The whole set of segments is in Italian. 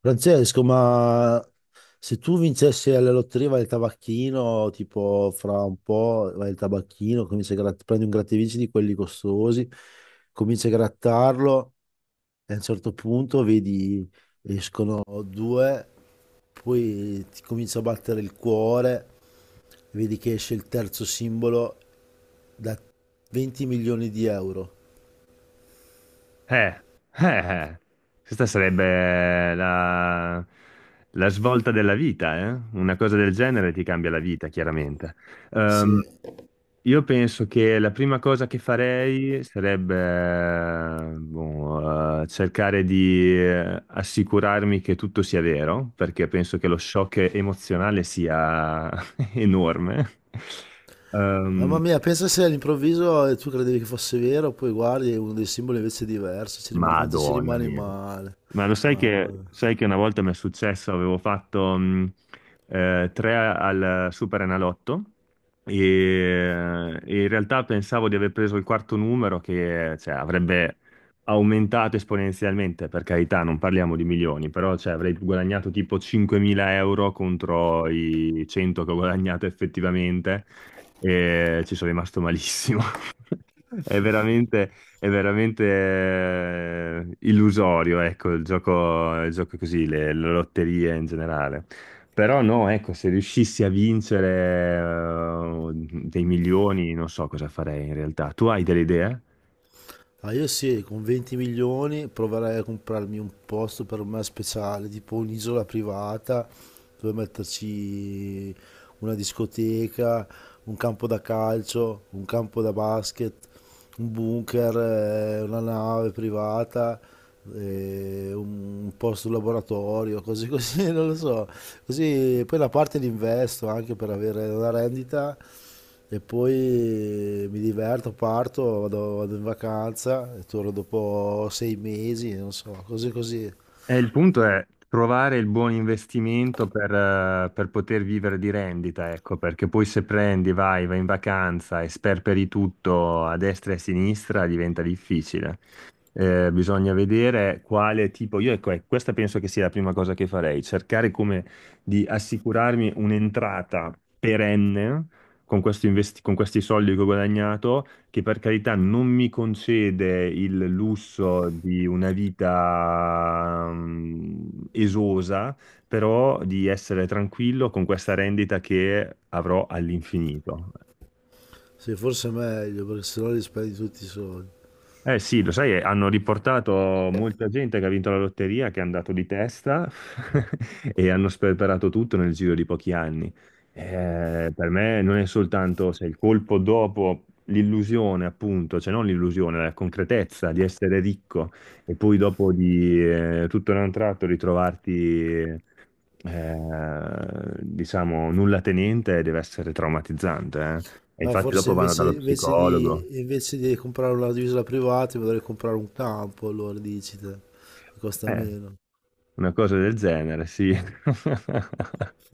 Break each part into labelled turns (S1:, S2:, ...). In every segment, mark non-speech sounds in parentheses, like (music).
S1: Francesco, ma se tu vincessi alla lotteria vai al tabacchino, tipo fra un po' vai al tabacchino, cominci a gratt- prendi un grattevinci di quelli costosi, cominci a grattarlo e a un certo punto vedi escono due, poi ti comincia a battere il cuore, vedi che esce il terzo simbolo da 20 milioni di euro.
S2: Eh, eh. Questa sarebbe la svolta della vita, eh? Una cosa del genere ti cambia la vita, chiaramente. Ehm,
S1: Sì.
S2: io penso che la prima cosa che farei sarebbe, boh, cercare di assicurarmi che tutto sia vero, perché penso che lo shock emozionale sia (laughs) enorme.
S1: Mamma
S2: Ehm,
S1: mia, pensa se all'improvviso tu credevi che fosse vero, poi guardi e uno dei simboli invece è diverso, si rima- quanto si
S2: Madonna
S1: rimane
S2: mia.
S1: male.
S2: Ma lo
S1: Mamma mia.
S2: sai che una volta mi è successo, avevo fatto tre al Superenalotto e in realtà pensavo di aver preso il quarto numero che cioè, avrebbe aumentato esponenzialmente, per carità, non parliamo di milioni, però cioè, avrei guadagnato tipo 5.000 euro contro i 100 che ho guadagnato effettivamente e ci sono rimasto malissimo. (laughs) È veramente... È veramente illusorio, ecco, il gioco così, le lotterie in generale. Però no, ecco, se riuscissi a vincere dei milioni, non so cosa farei in realtà. Tu hai delle idee?
S1: Ah, io sì, con 20 milioni proverei a comprarmi un posto per me speciale, tipo un'isola privata dove metterci una discoteca, un campo da calcio, un campo da basket, un bunker, una nave privata, un posto laboratorio, cose così, (laughs) non lo so. Così poi la parte l'investo anche per avere una rendita e poi mi diverto, parto, vado, vado in vacanza e torno dopo 6 mesi, non so, così così.
S2: E il punto è trovare il buon investimento per poter vivere di rendita, ecco, perché poi se prendi, vai in vacanza e sperperi tutto a destra e a sinistra, diventa difficile. Bisogna vedere quale tipo, io ecco, questa penso che sia la prima cosa che farei, cercare come di assicurarmi un'entrata perenne con questi soldi che ho guadagnato, che per carità non mi concede il lusso di una vita esosa, però di essere tranquillo con questa rendita che avrò all'infinito.
S1: Sì, forse è meglio perché sennò li spendi tutti i soldi.
S2: Eh sì, lo sai, hanno riportato molta gente che ha vinto la lotteria, che è andato di testa (laughs) e hanno sperperato tutto nel giro di pochi anni. Per me non è soltanto se il colpo dopo l'illusione, appunto, cioè non l'illusione, la concretezza di essere ricco e poi dopo di tutto in un tratto ritrovarti, diciamo, nulla tenente, deve essere traumatizzante. E
S1: Ma
S2: infatti
S1: forse
S2: dopo vanno
S1: invece,
S2: dallo
S1: invece
S2: psicologo.
S1: di, invece di comprare una divisa privata mi dovrei comprare un campo, allora dici te, che costa
S2: Eh.
S1: meno.
S2: Una cosa del genere, sì. (laughs)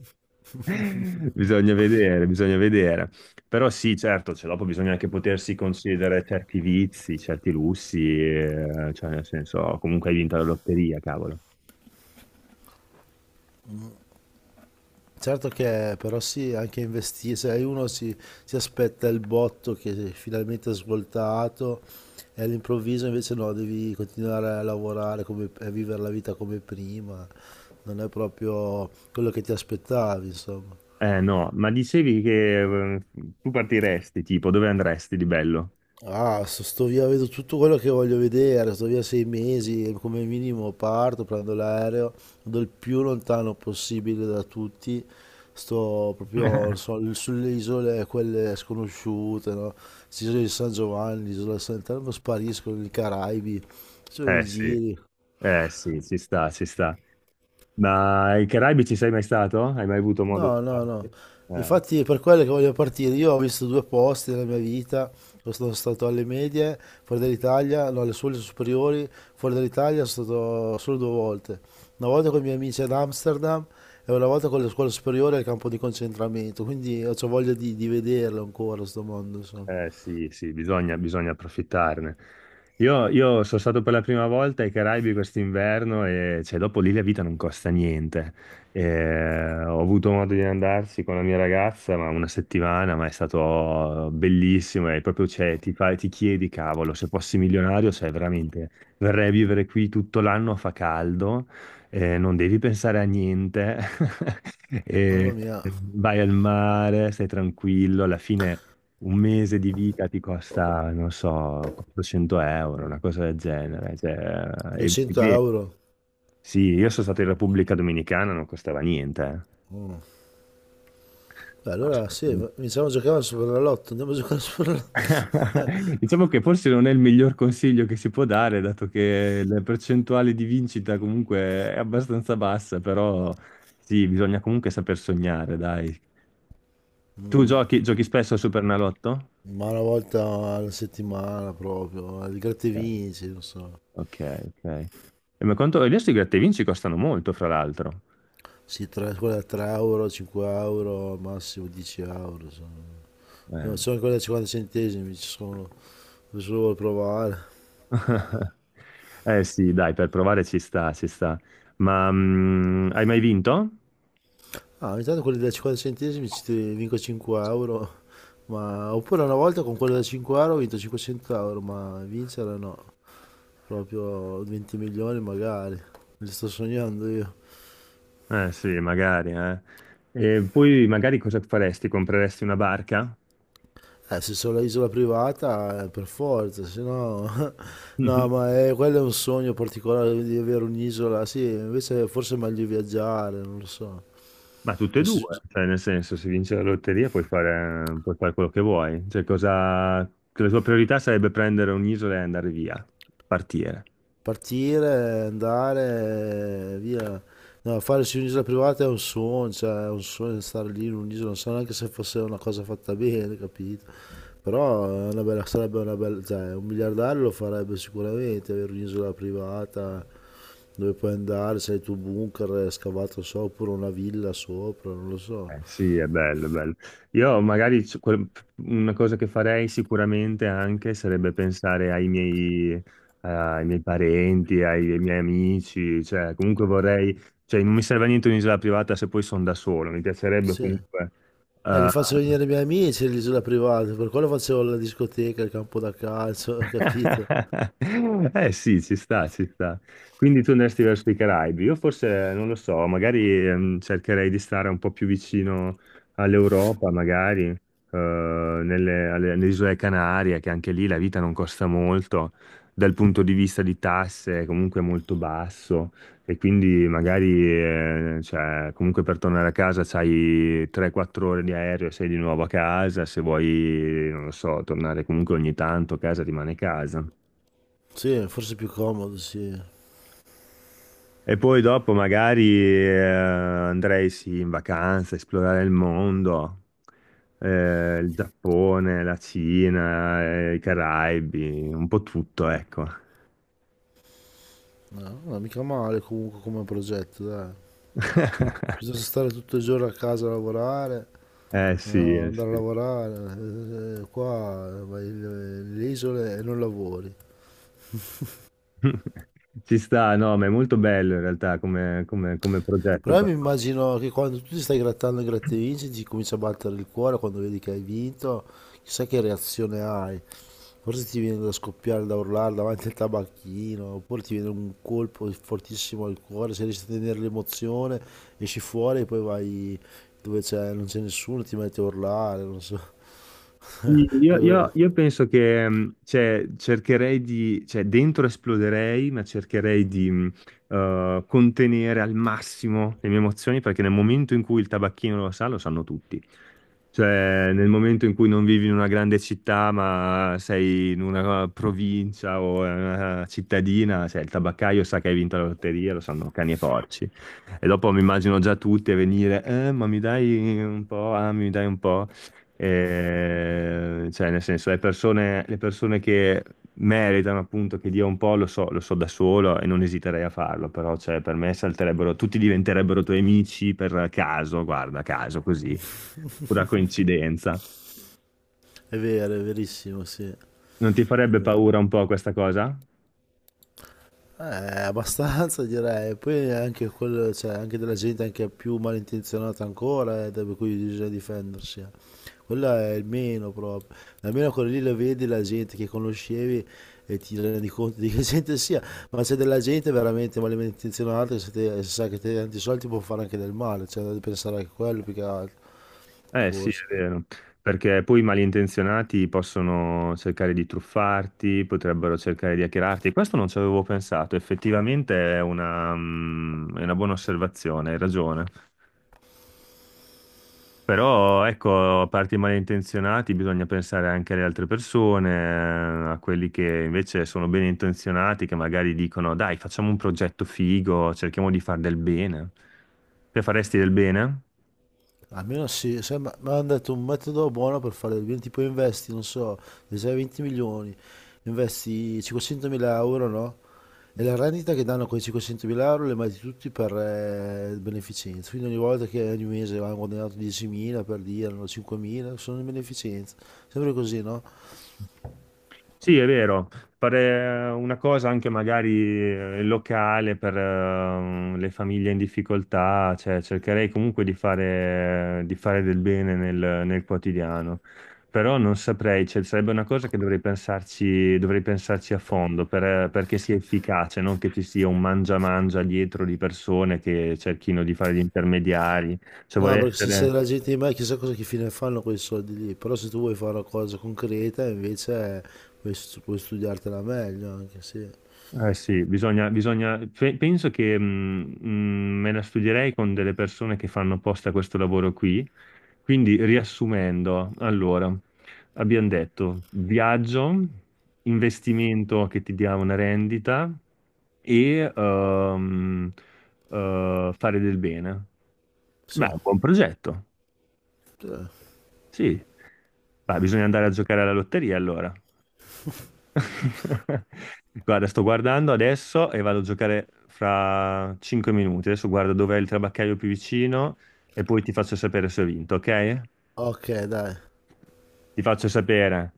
S2: Bisogna vedere, bisogna vedere. Però sì, certo, cioè, dopo bisogna anche potersi concedere certi vizi, certi lussi, cioè nel senso, comunque hai vinto la lotteria, cavolo.
S1: Certo che però sì, anche investire, se uno si, si aspetta il botto che finalmente è finalmente svoltato e all'improvviso invece no, devi continuare a lavorare come- e a vivere la vita come prima, non è proprio quello che ti aspettavi, insomma.
S2: Eh no, ma dicevi che eh, tu partiresti, tipo, dove andresti di bello?
S1: Ah, sto via, vedo tutto quello che voglio vedere, sto via 6 mesi, come minimo parto, prendo l'aereo, vado il più lontano possibile da tutti, sto proprio non
S2: (laughs)
S1: so, sulle isole, quelle sconosciute, no? L'isola di San Giovanni, l'isola di Sant'Elmo, sparisco, nei Caraibi, faccio dei
S2: Eh sì,
S1: giri.
S2: eh sì, ci sta, ci sta. Ma ai Caraibi ci sei mai stato? Hai mai avuto modo di
S1: No, no, no.
S2: starci? Eh.
S1: Infatti è per quello che voglio partire. Io ho visto due posti nella mia vita. Io sono stato alle medie, fuori dall'Italia, no, alle scuole superiori, fuori dall'Italia sono stato solo due volte. Una volta con i miei amici ad Amsterdam e una volta con le scuole superiori al campo di concentramento. Quindi ho c'ho voglia di vederlo ancora, sto mondo, insomma.
S2: Sì, sì, bisogna, bisogna approfittarne. Io sono stato per la prima volta ai Caraibi quest'inverno e cioè, dopo lì la vita non costa niente. Ho avuto modo di andarci con la mia ragazza, ma una settimana, ma è stato bellissimo e proprio cioè, ti chiedi, cavolo, se fossi milionario, cioè veramente verrei a vivere qui tutto l'anno, fa caldo, non devi pensare a niente, (laughs)
S1: Mamma
S2: e
S1: mia,
S2: vai al mare, stai tranquillo, alla fine un mese di vita ti costa, non so, 400 euro, una cosa del genere. Cioè, e
S1: 200
S2: beh,
S1: euro.
S2: sì, io sono stato in Repubblica Dominicana, non costava niente.
S1: Mm. Beh, allora sì,
S2: Assolutamente.
S1: iniziamo a giocare al Superenalotto. Andiamo a giocare al Superenalotto.
S2: (laughs) Diciamo che forse non è il miglior consiglio che si può dare, dato che la percentuale di vincita comunque è abbastanza bassa, però sì, bisogna comunque saper sognare, dai. Tu
S1: (laughs)
S2: giochi spesso al Supernalotto?
S1: Ma una volta alla settimana proprio, il gratta e
S2: Ok,
S1: vinci, non so.
S2: ok. Ok. E ma quanto... Adesso i gratta e vinci costano molto, fra l'altro.
S1: Sì, tre, quella da 3 euro, 5 euro, al massimo 10 euro. Sono,
S2: Eh.
S1: sono quelle da 50 centesimi, ci sono, se solo vuoi provare.
S2: (laughs) Eh sì, dai, per provare ci sta, ci sta. Ma hai mai vinto?
S1: Ah, ogni tanto quelli da 50 centesimi ci ti vinco 5 euro, ma... Oppure una volta con quello da 5 euro ho vinto 500 euro, ma vincere no. Proprio 20 milioni magari, me li sto sognando io.
S2: Eh sì, magari, eh. E poi magari cosa faresti? Compreresti una barca?
S1: Se sono l'isola privata, per forza, se no... (laughs) No, ma
S2: (laughs)
S1: è, quello è un sogno particolare di avere un'isola, sì, invece forse è meglio viaggiare, non lo so.
S2: Ma tutte e
S1: Adesso-
S2: due, cioè nel senso, se vinci la lotteria puoi fare quello che vuoi. Cioè, cosa... La tua priorità sarebbe prendere un'isola e andare via, partire.
S1: Partire, andare, via. No, fare su un'isola privata è un sogno, cioè è un sogno stare lì in un'isola, non so neanche se fosse una cosa fatta bene, capito? Però è una bella- sarebbe una bella, cioè un miliardario lo farebbe sicuramente, avere un'isola privata dove puoi andare, se hai il tuo bunker scavato sopra, oppure una villa sopra, non lo so.
S2: Sì, è bello, è bello. Io magari una cosa che farei sicuramente anche sarebbe pensare ai miei parenti, ai miei amici, cioè comunque vorrei, cioè non mi serve a niente un'isola privata se poi sono da solo, mi piacerebbe
S1: Sì.
S2: comunque
S1: Li
S2: eh,
S1: faccio venire i miei amici all'isola privata, per quello facevo la discoteca, il campo da calcio, (laughs) capito?
S2: (laughs) Eh sì, ci sta, ci sta. Quindi tu andresti verso i Caraibi. Io forse, non lo so, magari cercherei di stare un po' più vicino all'Europa, magari, alle isole Canarie, che anche lì la vita non costa molto, dal punto di vista di tasse è comunque molto basso. E quindi magari, cioè, comunque per tornare a casa c'hai 3-4 ore di aereo e sei di nuovo a casa, se vuoi, non lo so, tornare comunque ogni tanto, casa rimane casa.
S1: Sì, forse è più comodo, sì.
S2: E poi dopo magari andrei sì in vacanza, esplorare il mondo, il Giappone, la Cina, i Caraibi, un po' tutto, ecco.
S1: No, no, mica male comunque come progetto, dai. Piuttosto
S2: (laughs)
S1: stare tutto il giorno a casa a lavorare,
S2: Eh sì, eh
S1: andare a
S2: sì.
S1: lavorare, qua vai nelle isole e non lavori.
S2: (laughs) Ci sta, no, ma è molto bello in realtà come progetto.
S1: Però io
S2: per-
S1: mi immagino che quando tu ti stai grattando e gratte vinci, ti comincia a battere il cuore quando vedi che hai vinto, chissà che reazione hai. Forse ti viene da scoppiare, da urlare davanti al tabacchino, oppure ti viene un colpo fortissimo al cuore, se riesci a tenere l'emozione, esci fuori e poi vai dove c'è, non c'è nessuno, ti metti a urlare, non so.
S2: Sì, io
S1: (laughs)
S2: penso che cioè, cercherei di, cioè dentro esploderei, ma cercherei di contenere al massimo le mie emozioni perché nel momento in cui il tabacchino lo sa, lo sanno tutti. Cioè, nel momento in cui non vivi in una grande città, ma sei in una provincia o in una cittadina, cioè il tabaccaio sa che hai vinto la lotteria, lo sanno cani e porci. E dopo mi immagino già tutti a venire, ma mi dai un po', ah, mi dai un po'. E, cioè, nel senso, le persone, che meritano appunto che dia un po', lo so da solo e non esiterei a farlo, però cioè, per me salterebbero, tutti diventerebbero tuoi amici per caso, guarda, caso così, pura coincidenza.
S1: È vero, è verissimo, sì.
S2: Non ti farebbe paura un po' questa cosa?
S1: Abbastanza direi, poi anche quello, cioè, anche della gente anche più malintenzionata ancora, da per cui bisogna difendersi. Eh. Quello è il meno proprio. Almeno quello lì lo vedi la gente che conoscevi e ti rendi conto di che gente sia, ma c'è della gente veramente malintenzionata che se, te- se sa che te tanti soldi può fare anche del male, cioè devi pensare anche a quello più che altro,
S2: Eh sì,
S1: forse.
S2: è vero, perché poi i malintenzionati possono cercare di truffarti, potrebbero cercare di hackerarti, questo non ci avevo pensato, effettivamente è una buona osservazione, hai ragione. Però ecco, a parte i malintenzionati, bisogna pensare anche alle altre persone, a quelli che invece sono ben intenzionati, che magari dicono: Dai, facciamo un progetto figo, cerchiamo di far del bene. Te faresti del bene?
S1: Almeno sì, se- ma mi hanno detto un metodo buono per fare il bene, tipo investi, non so, se hai 20 milioni, investi 500.000 euro, no? E la rendita che danno quei 500.000 euro le metti tutti per beneficenza, quindi ogni volta che ogni mese hanno guadagnato 10.000 per dire, no, 5.000, sono in beneficenza, sempre così, no?
S2: Sì, è vero, fare una cosa anche magari locale per le famiglie in difficoltà, cioè cercherei comunque di fare, del bene nel quotidiano, però non saprei, cioè, sarebbe una cosa che dovrei pensarci a fondo perché sia efficace, non che ci sia un mangia-mangia dietro di persone che cerchino di fare gli intermediari, cioè
S1: No,
S2: vorrei
S1: perché se sei
S2: essere
S1: la gente di me chissà cosa che fine fanno quei soldi lì, però se tu vuoi fare una cosa concreta invece puoi, stu- puoi studiartela meglio anche, sì.
S2: Eh sì, bisogna, bisogna, penso che me la studierei con delle persone che fanno apposta questo lavoro qui. Quindi, riassumendo, allora, abbiamo detto viaggio, investimento che ti dia una rendita e fare del bene. Beh,
S1: Sì.
S2: è un buon progetto,
S1: Eh.
S2: sì. Beh, bisogna andare a giocare alla lotteria allora. (laughs) Guarda, sto guardando adesso e vado a giocare fra 5 minuti. Adesso guardo dov'è il trabaccaio più vicino e poi ti faccio sapere se ho vinto, ok?
S1: Ok, dai.
S2: Ti faccio sapere.